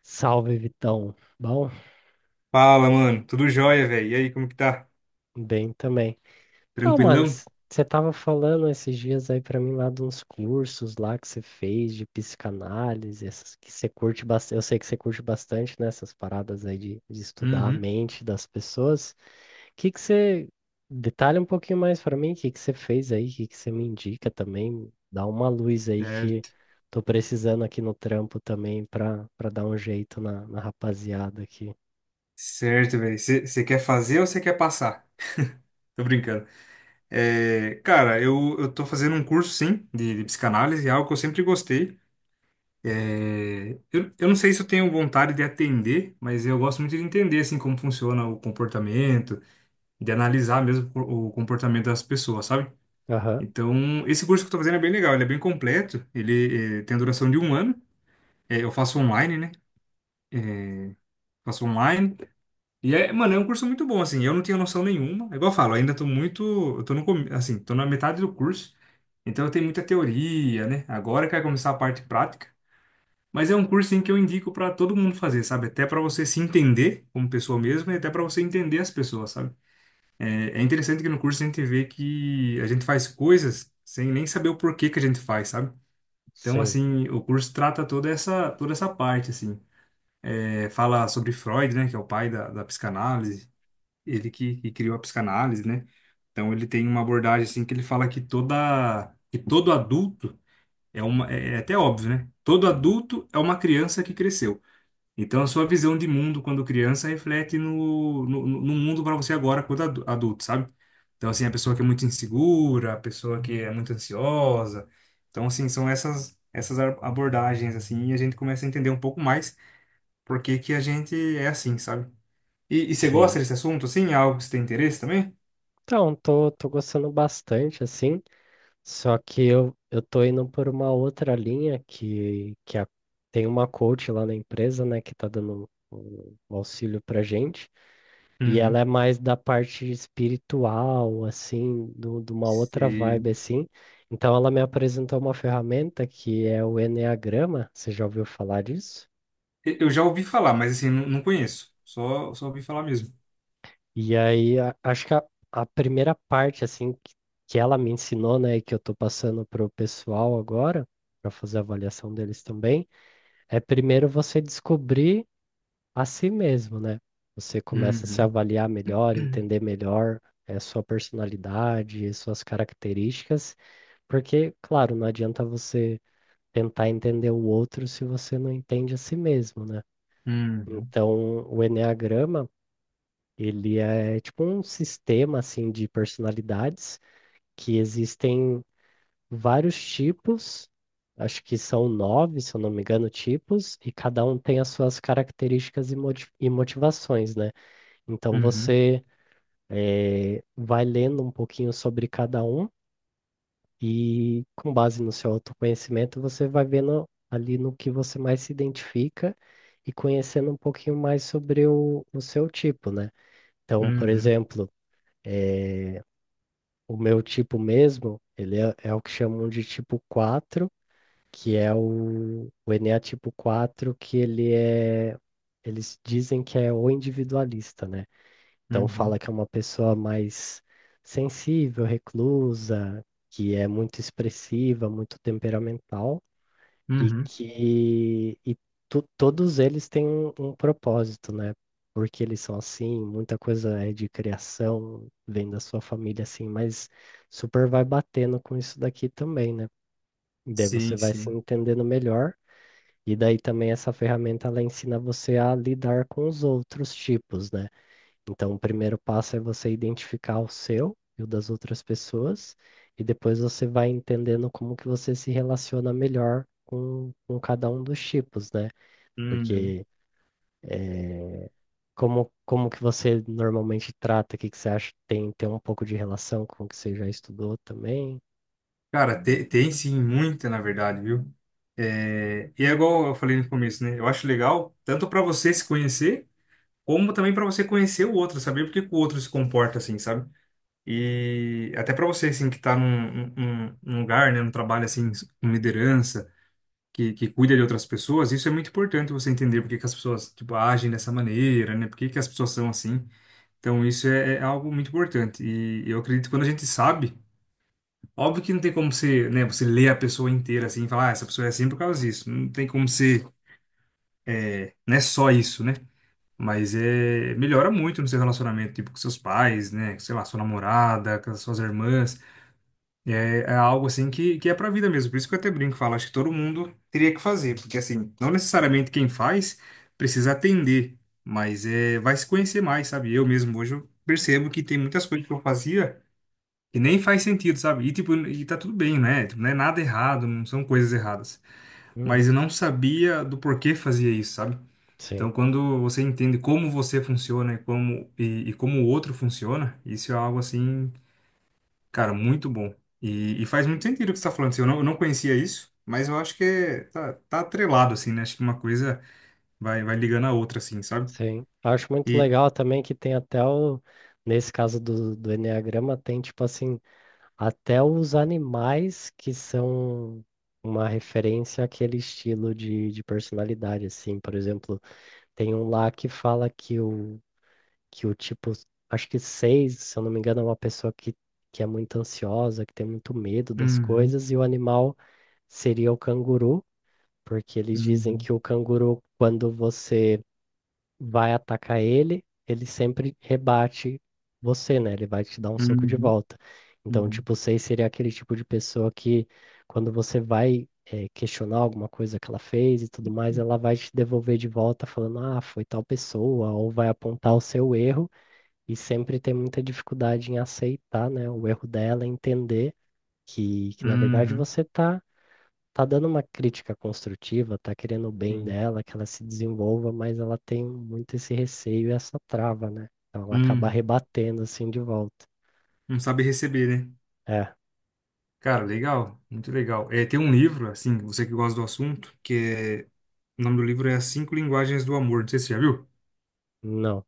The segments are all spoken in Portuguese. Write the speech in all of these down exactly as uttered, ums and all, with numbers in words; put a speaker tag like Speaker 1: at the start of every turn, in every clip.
Speaker 1: Salve, Vitão. Bom,
Speaker 2: Fala, mano. Tudo jóia, velho. E aí, como que tá?
Speaker 1: bem também. Então, mano,
Speaker 2: Tranquilão?
Speaker 1: você tava falando esses dias aí pra mim lá de uns cursos lá que você fez de psicanálise, essas que você curte bastante. Eu sei que você curte bastante, né, essas paradas aí de, de estudar a
Speaker 2: Uhum.
Speaker 1: mente das pessoas. O que que você detalha um pouquinho mais pra mim? O que que você fez aí? O que que você me indica também? Dá uma luz aí que
Speaker 2: Certo.
Speaker 1: tô precisando aqui no trampo também pra para dar um jeito na, na rapaziada aqui.
Speaker 2: Certo, velho. Você quer fazer ou você quer passar? Tô brincando. É, cara, eu, eu tô fazendo um curso, sim, de, de psicanálise, é algo que eu sempre gostei. É, eu, eu não sei se eu tenho vontade de atender, mas eu gosto muito de entender, assim, como funciona o comportamento, de analisar mesmo o o comportamento das pessoas, sabe?
Speaker 1: Aham,
Speaker 2: Então, esse curso que eu tô fazendo é bem legal, ele é bem completo, ele eh, tem a duração de um ano. É, eu faço online, né? É, faço online. E é, mano, é um curso muito bom, assim. Eu não tinha noção nenhuma. É igual eu falo, ainda tô muito. Eu tô no, comi- Assim, tô na metade do curso. Então eu tenho muita teoria, né? Agora que vai começar a parte prática. Mas é um curso em que eu indico para todo mundo fazer, sabe? Até para você se entender como pessoa mesmo e até para você entender as pessoas, sabe? É, é interessante que no curso a gente vê que a gente faz coisas sem nem saber o porquê que a gente faz, sabe? Então,
Speaker 1: sim.
Speaker 2: assim, o curso trata toda essa, toda essa parte, assim. É, fala sobre Freud, né? Que é o pai da, da psicanálise, ele que, que criou a psicanálise, né? Então ele tem uma abordagem assim que ele fala que toda que todo adulto é uma é é até óbvio, né? Todo adulto é uma criança que cresceu. Então a sua visão de mundo quando criança reflete no, no, no mundo para você agora quando adu- adulto, sabe? Então assim, a pessoa que é muito insegura, a pessoa que é muito ansiosa. Então assim, são essas essas abordagens assim e a gente começa a entender um pouco mais por que que a gente é assim, sabe? E, e você gosta
Speaker 1: Sim.
Speaker 2: desse assunto, assim? É algo que você tem interesse também?
Speaker 1: Então, tô, tô gostando bastante, assim, só que eu, eu tô indo por uma outra linha que, que a- tem uma coach lá na empresa, né, que tá dando um, um auxílio pra gente, e ela
Speaker 2: Uhum.
Speaker 1: é mais da parte espiritual, assim, do, de uma outra
Speaker 2: Você-
Speaker 1: vibe, assim. Então, ela me apresentou uma ferramenta que é o Enneagrama, você já ouviu falar disso?
Speaker 2: Eu já ouvi falar, mas assim, não, não conheço. Só, só ouvi falar mesmo.
Speaker 1: E aí, a- acho que a, a primeira parte, assim, que, que ela me ensinou, né, e que eu tô passando pro pessoal agora, para fazer a avaliação deles também, é primeiro você descobrir a si mesmo, né? Você começa a se
Speaker 2: Uhum.
Speaker 1: avaliar melhor, entender melhor, é, sua personalidade, suas características, porque, claro, não adianta você tentar entender o outro se você não entende a si mesmo, né?
Speaker 2: Uhum.
Speaker 1: Então, o enneagrama ele é tipo um sistema assim de personalidades que existem vários tipos, acho que são nove, se eu não me engano, tipos, e cada um tem as suas características e moti- e motivações, né? Então
Speaker 2: Uhum.
Speaker 1: você eh, vai lendo um pouquinho sobre cada um e com base no seu autoconhecimento você vai vendo ali no que você mais se identifica e conhecendo um pouquinho mais sobre o, o seu tipo, né? Então, por
Speaker 2: Uhum.
Speaker 1: exemplo, o meu tipo mesmo, ele é, é o que chamam de tipo quatro que é o, o Enéa tipo quatro que ele é, eles dizem que é o individualista, né? Então
Speaker 2: Uhum.
Speaker 1: fala que é uma pessoa mais sensível, reclusa, que é muito expressiva, muito temperamental e
Speaker 2: Uhum.
Speaker 1: que e to- todos eles têm um, um propósito, né? Porque eles são assim, muita coisa é de criação, vem da sua família assim, mas super vai batendo com isso daqui também, né? E daí você
Speaker 2: Sim,
Speaker 1: vai se
Speaker 2: sim.
Speaker 1: entendendo melhor, e daí também essa ferramenta ela ensina você a lidar com os outros tipos, né? Então, o primeiro passo é você identificar o seu e o das outras pessoas, e depois você vai entendendo como que você se relaciona melhor com, com cada um dos tipos, né?
Speaker 2: Uhum.
Speaker 1: Porque eh, como, como que você normalmente trata, o que que você acha que tem, tem um pouco de relação com o que você já estudou também?
Speaker 2: Cara, te- tem sim, muita, na verdade, viu? É, e é igual eu falei no começo, né? Eu acho legal, tanto para você se conhecer, como também para você conhecer o outro, saber por que que o outro se comporta assim, sabe? E até para você, assim, que está num, num- num lugar, né, num trabalho, assim, com liderança, que, que cuida de outras pessoas, isso é muito importante você entender por que que as pessoas, tipo, agem dessa maneira, né, por que que as pessoas são assim. Então, isso é, é algo muito importante. E eu acredito que quando a gente sabe, óbvio que não tem como você, né, você ler a pessoa inteira, assim, e falar, ah, essa pessoa é assim por causa disso. Não tem como você é, não é só isso, né? Mas é, melhora muito no seu relacionamento, tipo, com seus pais, né, sei lá, sua namorada, com as suas irmãs. É, é algo assim que, que é pra vida mesmo. Por isso que eu até brinco, falo, acho que todo mundo teria que fazer, porque assim, não necessariamente quem faz precisa atender, mas é, vai se conhecer mais, sabe? Eu mesmo hoje eu percebo que tem muitas coisas que eu fazia que nem faz sentido, sabe? E tipo, e tá tudo bem, né? Tipo, não é nada errado, não são coisas erradas, mas eu
Speaker 1: Uhum.
Speaker 2: não sabia do porquê fazia isso, sabe? Então,
Speaker 1: Sim,
Speaker 2: quando você entende como você funciona e como e, e como o outro funciona, isso é algo assim. Cara, muito bom. E, e faz muito sentido o que você está falando. Assim, Eu não, eu não conhecia isso, mas eu acho que é- tá, tá atrelado, assim, né? Acho que uma coisa vai, vai ligando a outra, assim, sabe?
Speaker 1: sim. Acho muito
Speaker 2: E.
Speaker 1: legal também que tem até o, nesse caso do, do Eneagrama, tem tipo assim, até os animais que são uma referência àquele estilo de, de personalidade, assim. Por exemplo, tem um lá que fala que o, que o tipo, acho que seis, se eu não me engano, é uma pessoa que, que é muito ansiosa, que tem muito medo das
Speaker 2: Uhum.
Speaker 1: coisas, e o animal seria o canguru, porque eles dizem
Speaker 2: Uhum.
Speaker 1: que o canguru, quando você vai atacar ele, ele sempre rebate você, né? Ele vai te dar um soco de
Speaker 2: Uhum.
Speaker 1: volta. Então,
Speaker 2: Uhum.
Speaker 1: tipo seis seria aquele tipo de pessoa que, quando você vai, eh, questionar alguma coisa que ela fez e tudo mais, ela vai te devolver de volta falando, ah, foi tal pessoa, ou vai apontar o seu erro, e sempre tem muita dificuldade em aceitar, né, o erro dela, entender que, que na verdade
Speaker 2: Uhum.
Speaker 1: você está tá dando uma crítica construtiva, tá querendo o bem
Speaker 2: Sim.
Speaker 1: dela, que ela se desenvolva, mas ela tem muito esse receio e essa trava, né? Então ela acaba
Speaker 2: Uhum.
Speaker 1: rebatendo assim de volta.
Speaker 2: Não sabe receber, né?
Speaker 1: É,
Speaker 2: Cara, legal, muito legal. É, tem um livro, assim, você que gosta do assunto, que é. O nome do livro é As Cinco Linguagens do Amor. Não sei se você já viu.
Speaker 1: não.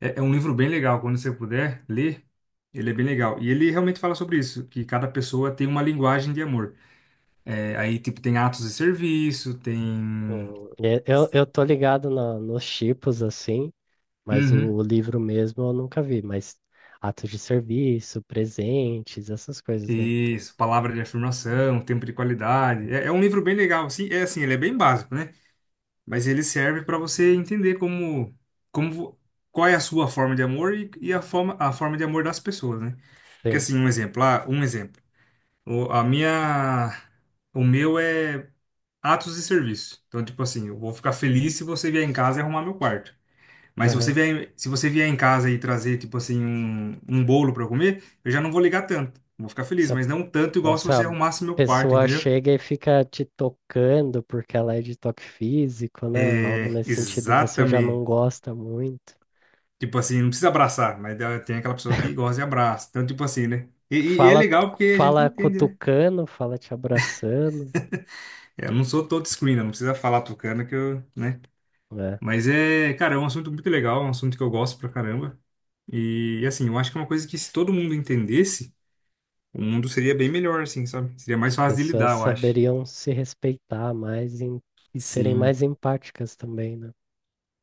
Speaker 2: É, é um livro bem legal, quando você puder ler, ele é bem legal. E ele realmente fala sobre isso, que cada pessoa tem uma linguagem de amor. É, aí, tipo, tem atos de serviço, tem...
Speaker 1: Hum, e- Eu, eu tô ligado na- nos tipos assim, mas o,
Speaker 2: Uhum,
Speaker 1: o livro mesmo eu nunca vi, mas atos de serviço, presentes, essas coisas, né? Então,
Speaker 2: isso, palavra de afirmação, tempo de qualidade. É, é um livro bem legal, assim, é assim, ele é bem básico, né? Mas ele serve para você entender como, como, vo- qual é a sua forma de amor e, e a forma, a forma de amor das pessoas, né? Porque,
Speaker 1: sim.
Speaker 2: assim, um exemplo, ah, um exemplo. O, a minha, o meu é atos de serviço. Então, tipo assim, eu vou ficar feliz se você vier em casa e arrumar meu quarto. Mas se você
Speaker 1: Aham.
Speaker 2: vier, se você vier em casa e trazer, tipo assim, um, um bolo para eu comer, eu já não vou ligar tanto. Vou ficar feliz,
Speaker 1: Se
Speaker 2: mas não tanto
Speaker 1: Ou
Speaker 2: igual se
Speaker 1: se
Speaker 2: você
Speaker 1: a
Speaker 2: arrumasse meu quarto,
Speaker 1: pessoa
Speaker 2: entendeu?
Speaker 1: chega e fica te tocando porque ela é de toque físico, né? Algo
Speaker 2: É,
Speaker 1: nesse sentido você já não
Speaker 2: exatamente.
Speaker 1: gosta muito.
Speaker 2: Tipo assim, não precisa abraçar, mas dá- tem aquela pessoa que gosta de abraço. Então, tipo assim, né? E, e- e é
Speaker 1: Fala,
Speaker 2: legal porque a gente
Speaker 1: fala
Speaker 2: entende, né?
Speaker 1: cutucando, fala te abraçando,
Speaker 2: É, eu não sou todo screen, não precisa falar tocando que eu, né?
Speaker 1: né?
Speaker 2: Mas é, cara, é um assunto muito legal, é um assunto que eu gosto pra caramba. E assim, eu acho que é uma coisa que se todo mundo entendesse, o mundo seria bem melhor, assim, sabe? Seria mais
Speaker 1: As
Speaker 2: fácil de
Speaker 1: pessoas
Speaker 2: lidar, eu acho.
Speaker 1: saberiam se respeitar mais em- e serem
Speaker 2: Sim,
Speaker 1: mais empáticas também, né?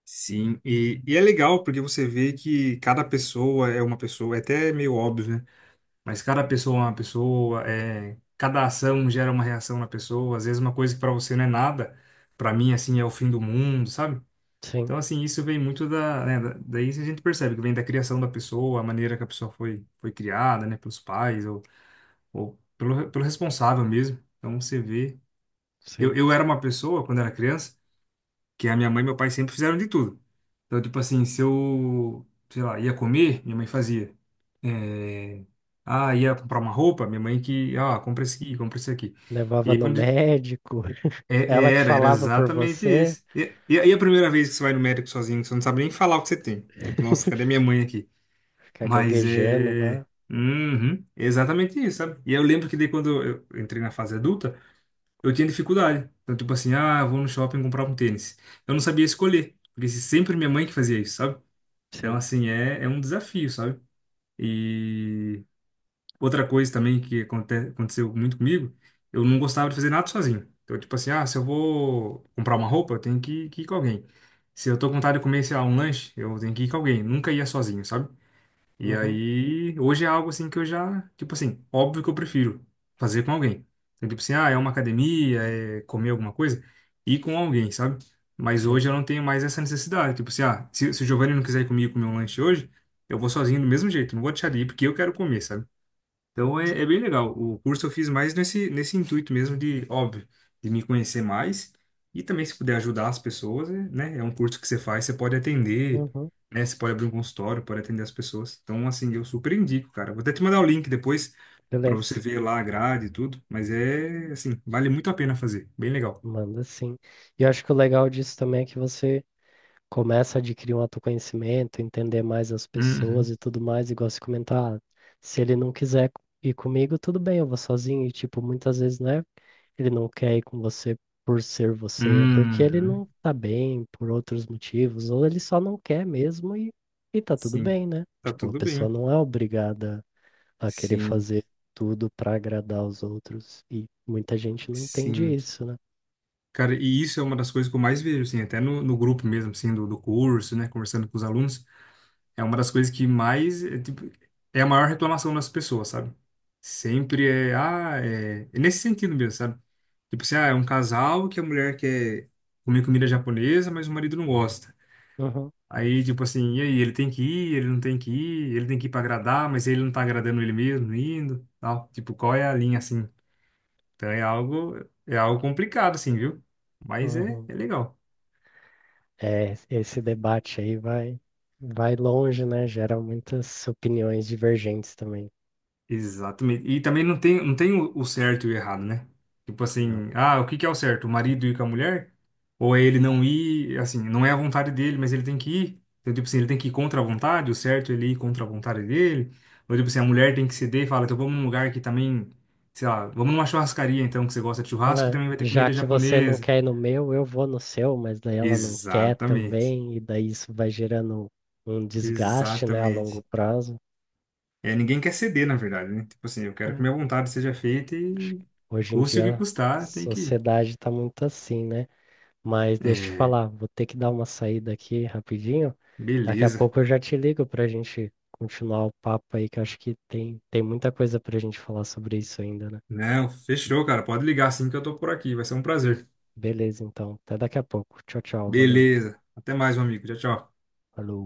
Speaker 2: sim. E, e é legal porque você vê que cada pessoa é uma pessoa, é até meio óbvio, né? Mas cada pessoa é uma pessoa, é, cada ação gera uma reação na pessoa. Às vezes uma coisa que pra você não é nada, pra mim, assim, é o fim do mundo, sabe?
Speaker 1: Sim,
Speaker 2: Então, assim, isso vem muito da, né, da- daí a gente percebe que vem da criação da pessoa, a maneira que a pessoa foi, foi, criada, né, pelos pais ou, ou pelo, pelo responsável mesmo. Então, você vê. Eu,
Speaker 1: sim.
Speaker 2: eu era uma pessoa, quando era criança, que a minha mãe e meu pai sempre fizeram de tudo. Então, tipo assim, se eu, sei lá, ia comer, minha mãe fazia. É, ah, ia comprar uma roupa, minha mãe que, ah, compra esse aqui, compra esse aqui. E
Speaker 1: Levava
Speaker 2: aí,
Speaker 1: no
Speaker 2: quando
Speaker 1: médico,
Speaker 2: é-
Speaker 1: ela
Speaker 2: é,
Speaker 1: que
Speaker 2: era, era
Speaker 1: falava por
Speaker 2: exatamente
Speaker 1: você,
Speaker 2: isso. E, e, e a primeira vez que você vai no médico sozinho, que você não sabe nem falar o que você tem. Tipo, nossa, cadê minha mãe aqui?
Speaker 1: fica
Speaker 2: Mas
Speaker 1: gaguejando
Speaker 2: é.
Speaker 1: lá.
Speaker 2: Uhum, é exatamente isso, sabe? E eu lembro que daí quando eu entrei na fase adulta, eu tinha dificuldade. Então, tipo assim, ah, eu vou no shopping comprar um tênis. Eu não sabia escolher, porque se- sempre minha mãe que fazia isso, sabe? Então,
Speaker 1: Sim,
Speaker 2: assim, é, é um desafio, sabe? E. Outra coisa também que aconte- aconteceu muito comigo, eu não gostava de fazer nada sozinho. Então, tipo assim, ah, se eu vou comprar uma roupa, eu tenho que, que ir com alguém. Se eu tô com vontade de comer, sei lá, um lanche, eu tenho que ir com alguém. Nunca ia sozinho, sabe? E
Speaker 1: uhum,
Speaker 2: aí, hoje é algo assim que eu já, tipo assim, óbvio que eu prefiro fazer com alguém. Então, tipo assim, ah, é uma academia, é comer alguma coisa, ir com alguém, sabe? Mas
Speaker 1: sim,
Speaker 2: hoje eu não tenho mais essa necessidade. Tipo assim, ah, se, se o Giovanni não quiser ir comigo comer um lanche hoje, eu vou sozinho do mesmo jeito, não vou deixar de ir porque eu quero comer, sabe? Então é, é bem legal. O curso eu fiz mais nesse, nesse intuito mesmo de, óbvio, de me conhecer mais e também se puder ajudar as pessoas, é, né? É um curso que você faz, você pode atender,
Speaker 1: uhum.
Speaker 2: né? Você pode abrir um consultório, pode atender as pessoas. Então, assim, eu super indico, cara. Vou até te mandar o link depois para
Speaker 1: Beleza.
Speaker 2: você ver lá a grade e tudo, mas é, assim, vale muito a pena fazer. Bem legal.
Speaker 1: Manda sim. E eu acho que o legal disso também é que você começa a adquirir um autoconhecimento, entender mais as pessoas
Speaker 2: Uhum.
Speaker 1: e tudo mais, igual se comentar, "Ah, se ele não quiser ir comigo, tudo bem, eu vou sozinho." E tipo, muitas vezes, né, ele não quer ir com você por ser você, é porque ele
Speaker 2: Uhum.
Speaker 1: não tá bem por outros motivos, ou ele só não quer mesmo e, e tá tudo
Speaker 2: Sim.
Speaker 1: bem, né?
Speaker 2: Tá
Speaker 1: Tipo, a
Speaker 2: tudo
Speaker 1: pessoa
Speaker 2: bem.
Speaker 1: não é obrigada a querer
Speaker 2: Sim.
Speaker 1: fazer tudo pra agradar os outros. E muita gente não entende
Speaker 2: Sim.
Speaker 1: isso, né?
Speaker 2: Cara, e isso é uma das coisas que eu mais vejo, assim, até no, no grupo mesmo, assim, do, do curso, né, conversando com os alunos, é uma das coisas que mais, é, tipo, é a maior reclamação das pessoas, sabe? Sempre é, ah, é, é nesse sentido mesmo, sabe? Tipo assim, ah, é um casal que a mulher quer comer comida japonesa, mas o marido não gosta.
Speaker 1: Uhum.
Speaker 2: Aí, tipo assim, e aí, ele tem que ir, ele não tem que ir, ele tem que ir pra agradar, mas ele não tá agradando ele mesmo, indo, tal. Tipo, qual é a linha, assim? Então é algo, é algo complicado, assim, viu? Mas é,
Speaker 1: Uhum.
Speaker 2: é legal.
Speaker 1: É, esse debate aí vai, vai longe, né? Gera muitas opiniões divergentes também.
Speaker 2: Exatamente. E também não tem, não tem o, o certo e o errado, né? Tipo
Speaker 1: Não.
Speaker 2: assim, ah, o que que é o certo? O marido ir com a mulher? Ou é ele não ir, assim, não é a vontade dele, mas ele tem que ir? Então, tipo assim, ele tem que ir contra a vontade, o certo é ele ir contra a vontade dele? Ou, tipo assim, a mulher tem que ceder e fala, então vamos num lugar que também, sei lá, vamos numa churrascaria, então, que você gosta de churrasco, que
Speaker 1: É,
Speaker 2: também vai ter
Speaker 1: já
Speaker 2: comida
Speaker 1: que você não
Speaker 2: japonesa.
Speaker 1: quer ir no meu, eu vou no seu, mas daí ela não quer
Speaker 2: Exatamente.
Speaker 1: também, e daí isso vai gerando um desgaste, né, a longo
Speaker 2: Exatamente.
Speaker 1: prazo.
Speaker 2: É, ninguém quer ceder, na verdade, né? Tipo assim, eu quero que
Speaker 1: É,
Speaker 2: minha vontade seja feita
Speaker 1: acho
Speaker 2: e
Speaker 1: que hoje em
Speaker 2: custe o que
Speaker 1: dia a
Speaker 2: custar, tem que
Speaker 1: sociedade está muito assim, né? Mas deixa eu te
Speaker 2: É,
Speaker 1: falar, vou ter que dar uma saída aqui rapidinho. Daqui a
Speaker 2: beleza.
Speaker 1: pouco eu já te ligo para a gente continuar o papo aí, que eu acho que tem, tem muita coisa para a gente falar sobre isso ainda, né?
Speaker 2: Não, fechou, cara. Pode ligar assim que eu tô por aqui. Vai ser um prazer.
Speaker 1: Beleza, então. Até daqui a pouco. Tchau, tchau. Valeu.
Speaker 2: Beleza. Até mais, meu amigo. Tchau, tchau.
Speaker 1: Falou.